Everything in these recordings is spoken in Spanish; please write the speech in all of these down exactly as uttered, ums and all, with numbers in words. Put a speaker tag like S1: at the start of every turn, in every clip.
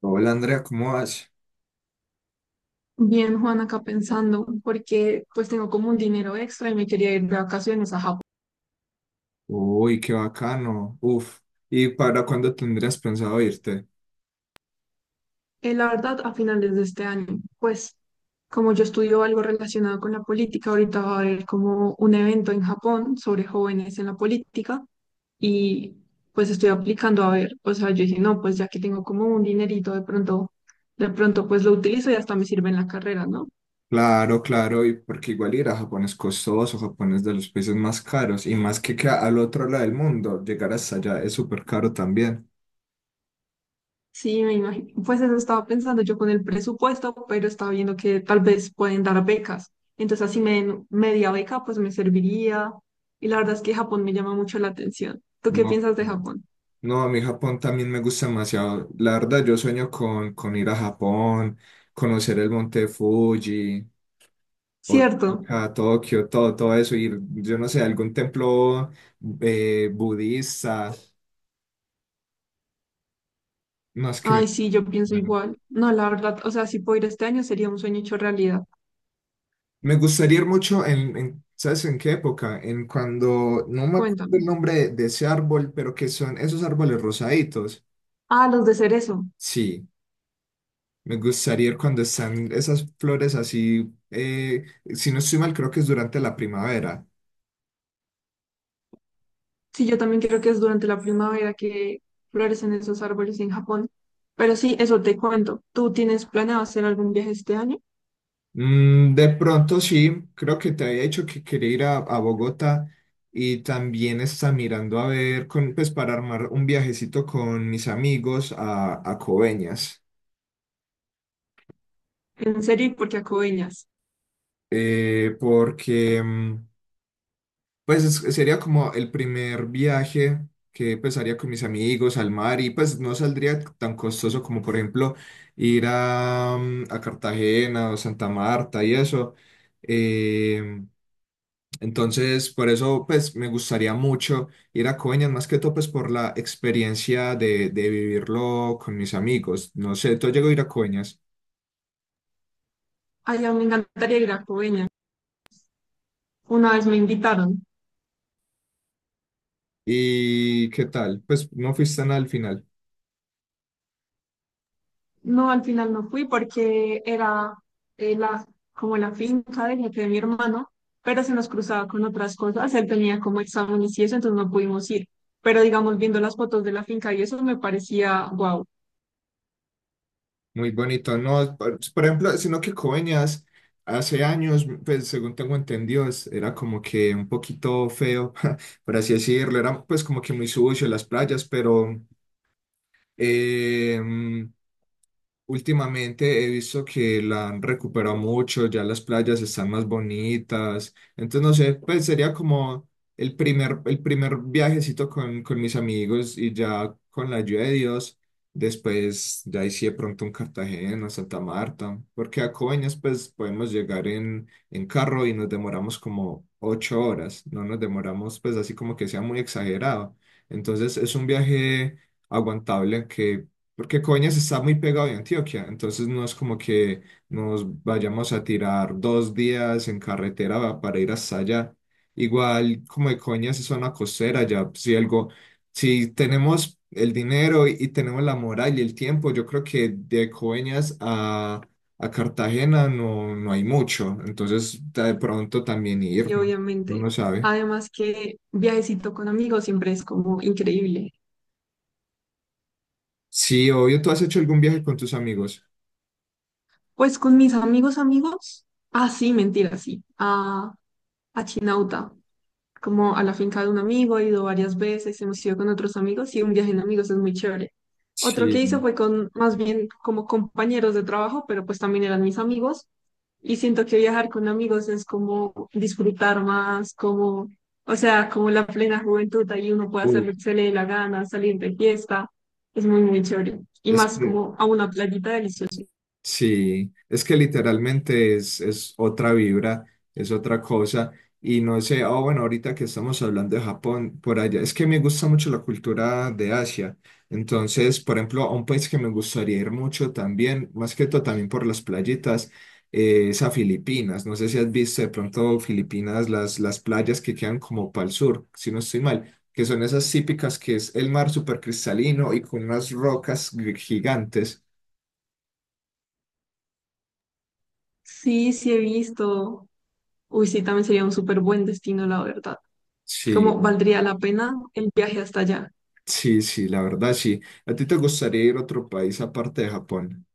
S1: Hola Andrea, ¿cómo vas?
S2: Bien, Juan, acá pensando, porque pues tengo como un dinero extra y me quería ir de vacaciones a Japón.
S1: Uy, qué bacano. Uf. ¿Y para cuándo tendrías pensado irte?
S2: Eh, la verdad, a finales de este año, pues como yo estudio algo relacionado con la política, ahorita va a haber como un evento en Japón sobre jóvenes en la política y pues estoy aplicando a ver, o sea, yo dije, no, pues ya que tengo como un dinerito de pronto, de pronto pues lo utilizo y hasta me sirve en la carrera, ¿no?
S1: Claro, claro, y porque igual ir a Japón es costoso, Japón es de los países más caros, y más que, que al otro lado del mundo, llegar hasta allá es súper caro también.
S2: Sí, me imagino. Pues eso estaba pensando yo con el presupuesto, pero estaba viendo que tal vez pueden dar becas. Entonces, así me den media beca, pues me serviría. Y la verdad es que Japón me llama mucho la atención. ¿Tú qué
S1: No,
S2: piensas de
S1: claro,
S2: Japón?
S1: no, a mí Japón también me gusta demasiado. La verdad, yo sueño con, con ir a Japón, conocer el monte Fuji,
S2: Cierto.
S1: Osaka, Tokio, todo, todo eso, ir, yo no sé, a algún templo eh, budista. No, es que me,
S2: Ay, sí, yo pienso
S1: bueno,
S2: igual. No, la verdad, o sea, si puedo ir este año sería un sueño hecho realidad.
S1: me gustaría ir mucho en, en- ¿sabes en qué época? En cuando, no me acuerdo el
S2: Cuéntame.
S1: nombre de, de ese árbol, pero que son esos árboles rosaditos.
S2: Ah, los de cerezo.
S1: Sí, me gustaría ir cuando están esas flores así, eh, si no estoy mal, creo que es durante la primavera.
S2: Sí, yo también creo que es durante la primavera que florecen esos árboles en Japón. Pero sí, eso te cuento. ¿Tú tienes planeado hacer algún viaje este año?
S1: Mm, de pronto sí, creo que te había dicho que quería ir a, a Bogotá y también está mirando a ver, con, pues para armar un viajecito con mis amigos a, a Coveñas.
S2: En serio, porque a Coveñas.
S1: eh, porque mm, pues es- sería como el primer viaje que pues haría con mis amigos al mar y pues no saldría tan costoso como por ejemplo ir a, mm, a Cartagena o Santa Marta y eso. Eh, entonces por eso pues me gustaría mucho ir a Coveñas más que todo pues por la experiencia de, de vivirlo con mis amigos. No sé, tú llegó a ir a Coveñas.
S2: Ay, a mí me encantaría ir a Coveñas. Una vez me invitaron.
S1: ¿Y qué tal? Pues no fuiste nada al final.
S2: No, al final no fui porque era eh, la, como la finca del jefe de mi hermano, pero se nos cruzaba con otras cosas. Él tenía como exámenes y eso, entonces no pudimos ir. Pero digamos, viendo las fotos de la finca y eso me parecía wow.
S1: Muy bonito, ¿no? Por, por ejemplo, sino que Coveñas hace años, pues según tengo entendido, es- era como que un poquito feo, por así decirlo, era pues como que muy sucio las playas, pero eh, últimamente he visto que la han recuperado mucho, ya las playas están más bonitas. Entonces, no sé, pues sería como el primer, el primer viajecito con, con mis amigos y ya con la ayuda de Dios. Después, ya hice de pronto un Cartagena, Santa Marta, porque a Coveñas, pues podemos llegar en, en carro y nos demoramos como ocho horas. No nos demoramos, pues así como que sea muy exagerado. Entonces, es un viaje aguantable que porque Coeñas está muy pegado de Antioquia, entonces no es como que nos vayamos a tirar dos días en carretera para ir hasta allá. Igual como de Coeñas es zona costera, ya si algo, si tenemos el dinero y, y tenemos la moral y el tiempo, yo creo que de Coeñas a, a Cartagena no, no hay mucho, entonces de pronto también ir,
S2: Y
S1: no, uno
S2: obviamente,
S1: no sabe.
S2: además que viajecito con amigos siempre es como increíble.
S1: Sí, obvio, ¿tú has hecho algún viaje con tus amigos?
S2: Pues con mis amigos, amigos, ah, sí, mentira, sí, a, a Chinauta. Como a la finca de un amigo, he ido varias veces, hemos ido con otros amigos y un viaje en amigos es muy chévere. Otro
S1: Sí.
S2: que hice fue con más bien como compañeros de trabajo, pero pues también eran mis amigos y siento que viajar con amigos es como disfrutar más, como, o sea, como la plena juventud, ahí uno puede hacer
S1: Uf,
S2: lo que se le dé la gana, salir de fiesta, es muy, muy chévere. Y
S1: es
S2: más
S1: que
S2: como a una playita deliciosa.
S1: sí, es que literalmente es, es otra vibra, es otra cosa. Y no sé, ah bueno, ahorita que estamos hablando de Japón, por allá, es que me gusta mucho la cultura de Asia. Entonces, por ejemplo, a un país que me gustaría ir mucho también, más que todo también por las playitas, eh, es a Filipinas. No sé si has visto de pronto Filipinas, las, las playas que quedan como para el sur, si no estoy mal, que son esas típicas que es el mar súper cristalino y con unas rocas gi- gigantes.
S2: Sí, sí he visto. Uy, sí, también sería un súper buen destino, la verdad.
S1: Sí,
S2: Como valdría la pena el viaje hasta allá.
S1: sí, sí, la verdad, sí. ¿A ti te gustaría ir a otro país aparte de Japón?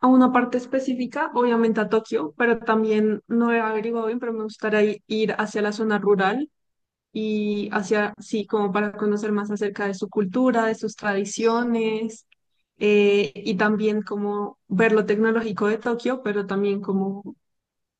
S2: A una parte específica, obviamente a Tokio, pero también no he averiguado bien, pero me gustaría i- ir hacia la zona rural y hacia, sí, como para conocer más acerca de su cultura, de sus tradiciones, eh, y también como ver lo tecnológico de Tokio, pero también como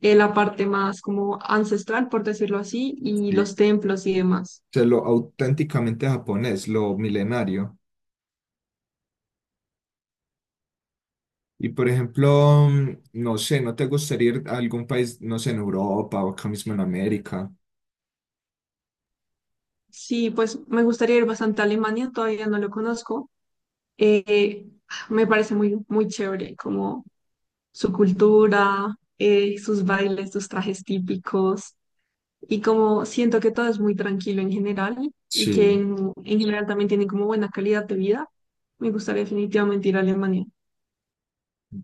S2: eh, la parte más como ancestral, por decirlo así, y
S1: Sí.
S2: los
S1: O
S2: templos y demás.
S1: sea, lo auténticamente japonés, lo milenario. Y por ejemplo, mm, no sé, ¿no te gustaría ir a algún país, no sé, en Europa o acá mismo en América?
S2: Sí, pues me gustaría ir bastante a Alemania, todavía no lo conozco. Eh, Me parece muy, muy chévere, como su cultura, eh, sus bailes, sus trajes típicos, y como siento que todo es muy tranquilo en general y que
S1: Sí,
S2: en, en general también tienen como buena calidad de vida. Me gustaría definitivamente ir a Alemania.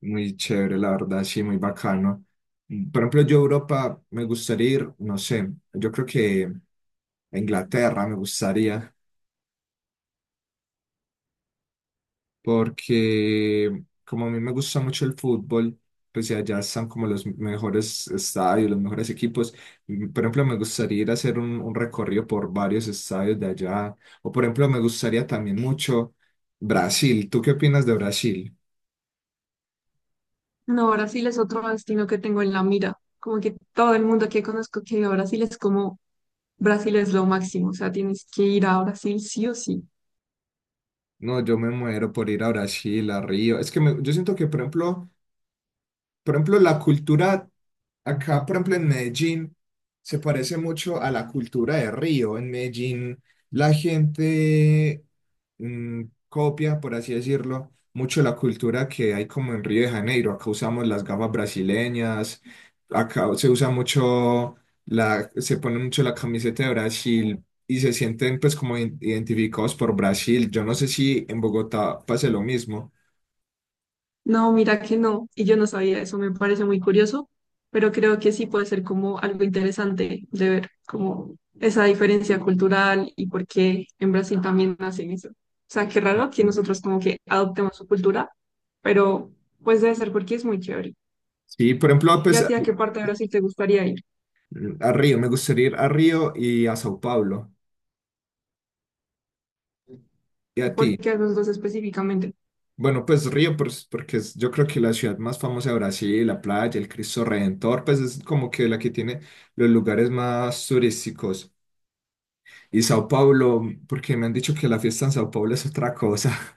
S1: muy chévere, la verdad, sí, muy bacano. Mm, Por ejemplo, yo a Europa me gustaría ir, no sé, yo creo que a Inglaterra me gustaría, porque como a mí me gusta mucho el fútbol, pues y allá están como los mejores estadios, los mejores equipos. Mm, Por ejemplo, me gustaría ir a hacer un, un recorrido por varios estadios de allá. O por ejemplo, me gustaría también mucho Brasil. ¿Tú qué opinas de Brasil?
S2: No, Brasil es otro destino que tengo en la mira. Como que todo el mundo que conozco que ha ido a Brasil es como Brasil es lo máximo, o sea, tienes que ir a Brasil sí o sí.
S1: No, yo me muero por ir a Brasil, a Río. Es que me- yo siento que, por ejemplo, por ejemplo, la cultura acá, por ejemplo, en Medellín, se parece mucho a la cultura de Río. En Medellín, la gente mm, copia, por así decirlo, mucho la cultura que hay como en Río de Janeiro. Acá usamos las gafas brasileñas, acá se usa mucho la, se pone mucho la camiseta de Brasil y se sienten pues como in- identificados por Brasil. Yo no sé si en Bogotá pase lo mismo.
S2: No, mira que no, y yo no sabía eso, me parece muy curioso, pero creo que sí puede ser como algo interesante de ver como esa diferencia cultural y por qué en Brasil también hacen eso. O sea, qué raro que nosotros como que adoptemos su cultura, pero pues debe ser porque es muy chévere.
S1: Sí, por ejemplo,
S2: ¿Y
S1: pues
S2: a ti a qué parte de Brasil te gustaría ir?
S1: a Río, me gustaría ir a Río y a Sao Paulo. ¿Y a
S2: ¿Por
S1: ti?
S2: qué a los dos específicamente?
S1: Bueno, pues Río, pues, porque es- yo creo que la ciudad más famosa de Brasil, la playa, el Cristo Redentor, pues es como que la que tiene los lugares más turísticos. Y Sao Paulo, porque me han dicho que la fiesta en Sao Paulo es otra cosa.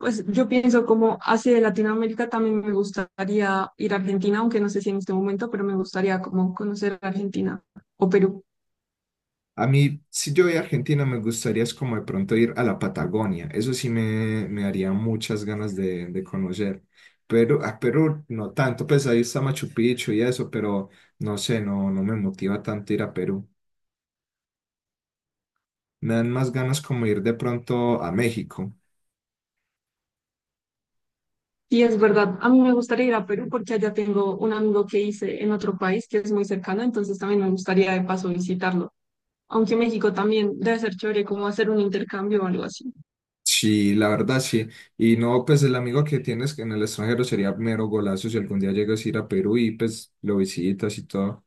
S2: Pues yo pienso como hacia de Latinoamérica también me gustaría ir a Argentina, aunque no sé si en este momento, pero me gustaría como conocer Argentina o Perú.
S1: A mí, si yo voy a Argentina, me gustaría es como de pronto ir a la Patagonia. Eso sí me, me daría muchas ganas de, de conocer. Pero a Perú no tanto, pues ahí está Machu Picchu y eso, pero no sé, no, no me motiva tanto ir a Perú. Me dan más ganas como ir de pronto a México.
S2: Sí, es verdad. A mí me gustaría ir a Perú porque allá tengo un amigo que hice en otro país que es muy cercano, entonces también me gustaría de paso visitarlo. Aunque México también debe ser chévere como hacer un intercambio o algo así.
S1: Sí, la verdad sí. Y no, pues el amigo que tienes en el extranjero sería mero golazo si algún día llegas a ir a Perú y pues lo visitas y todo.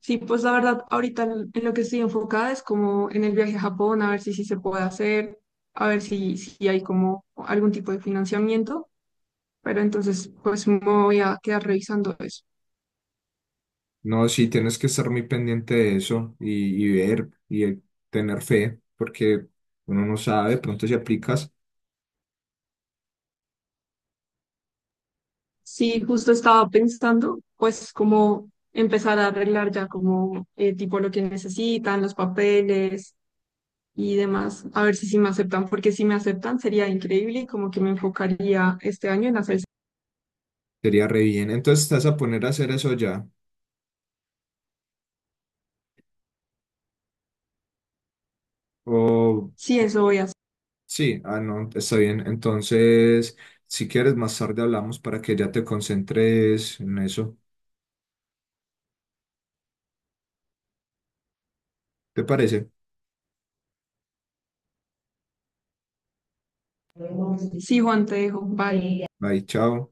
S2: Sí, pues la verdad, ahorita en en lo que estoy enfocada es como en el viaje a Japón, a ver si sí se puede hacer, a ver si, si hay como algún tipo de financiamiento, pero entonces pues me voy a quedar revisando eso.
S1: No, sí, tienes que estar muy pendiente de eso y, y ver y eh, tener fe, porque uno no sabe, de pronto si aplicas,
S2: Sí, justo estaba pensando, pues, cómo empezar a arreglar ya como eh, tipo lo que necesitan, los papeles y demás, a ver si sí me aceptan, porque si me aceptan sería increíble y como que me enfocaría este año en hacer.
S1: sería re bien. Entonces, ¿te vas a poner a hacer eso ya? O
S2: Sí, eso voy a hacer.
S1: sí, ah, no, está bien. Entonces, si quieres, más tarde hablamos para que ya te concentres en eso. ¿Te parece?
S2: Sí, Juan, te dejo. Bye.
S1: Bye, chao.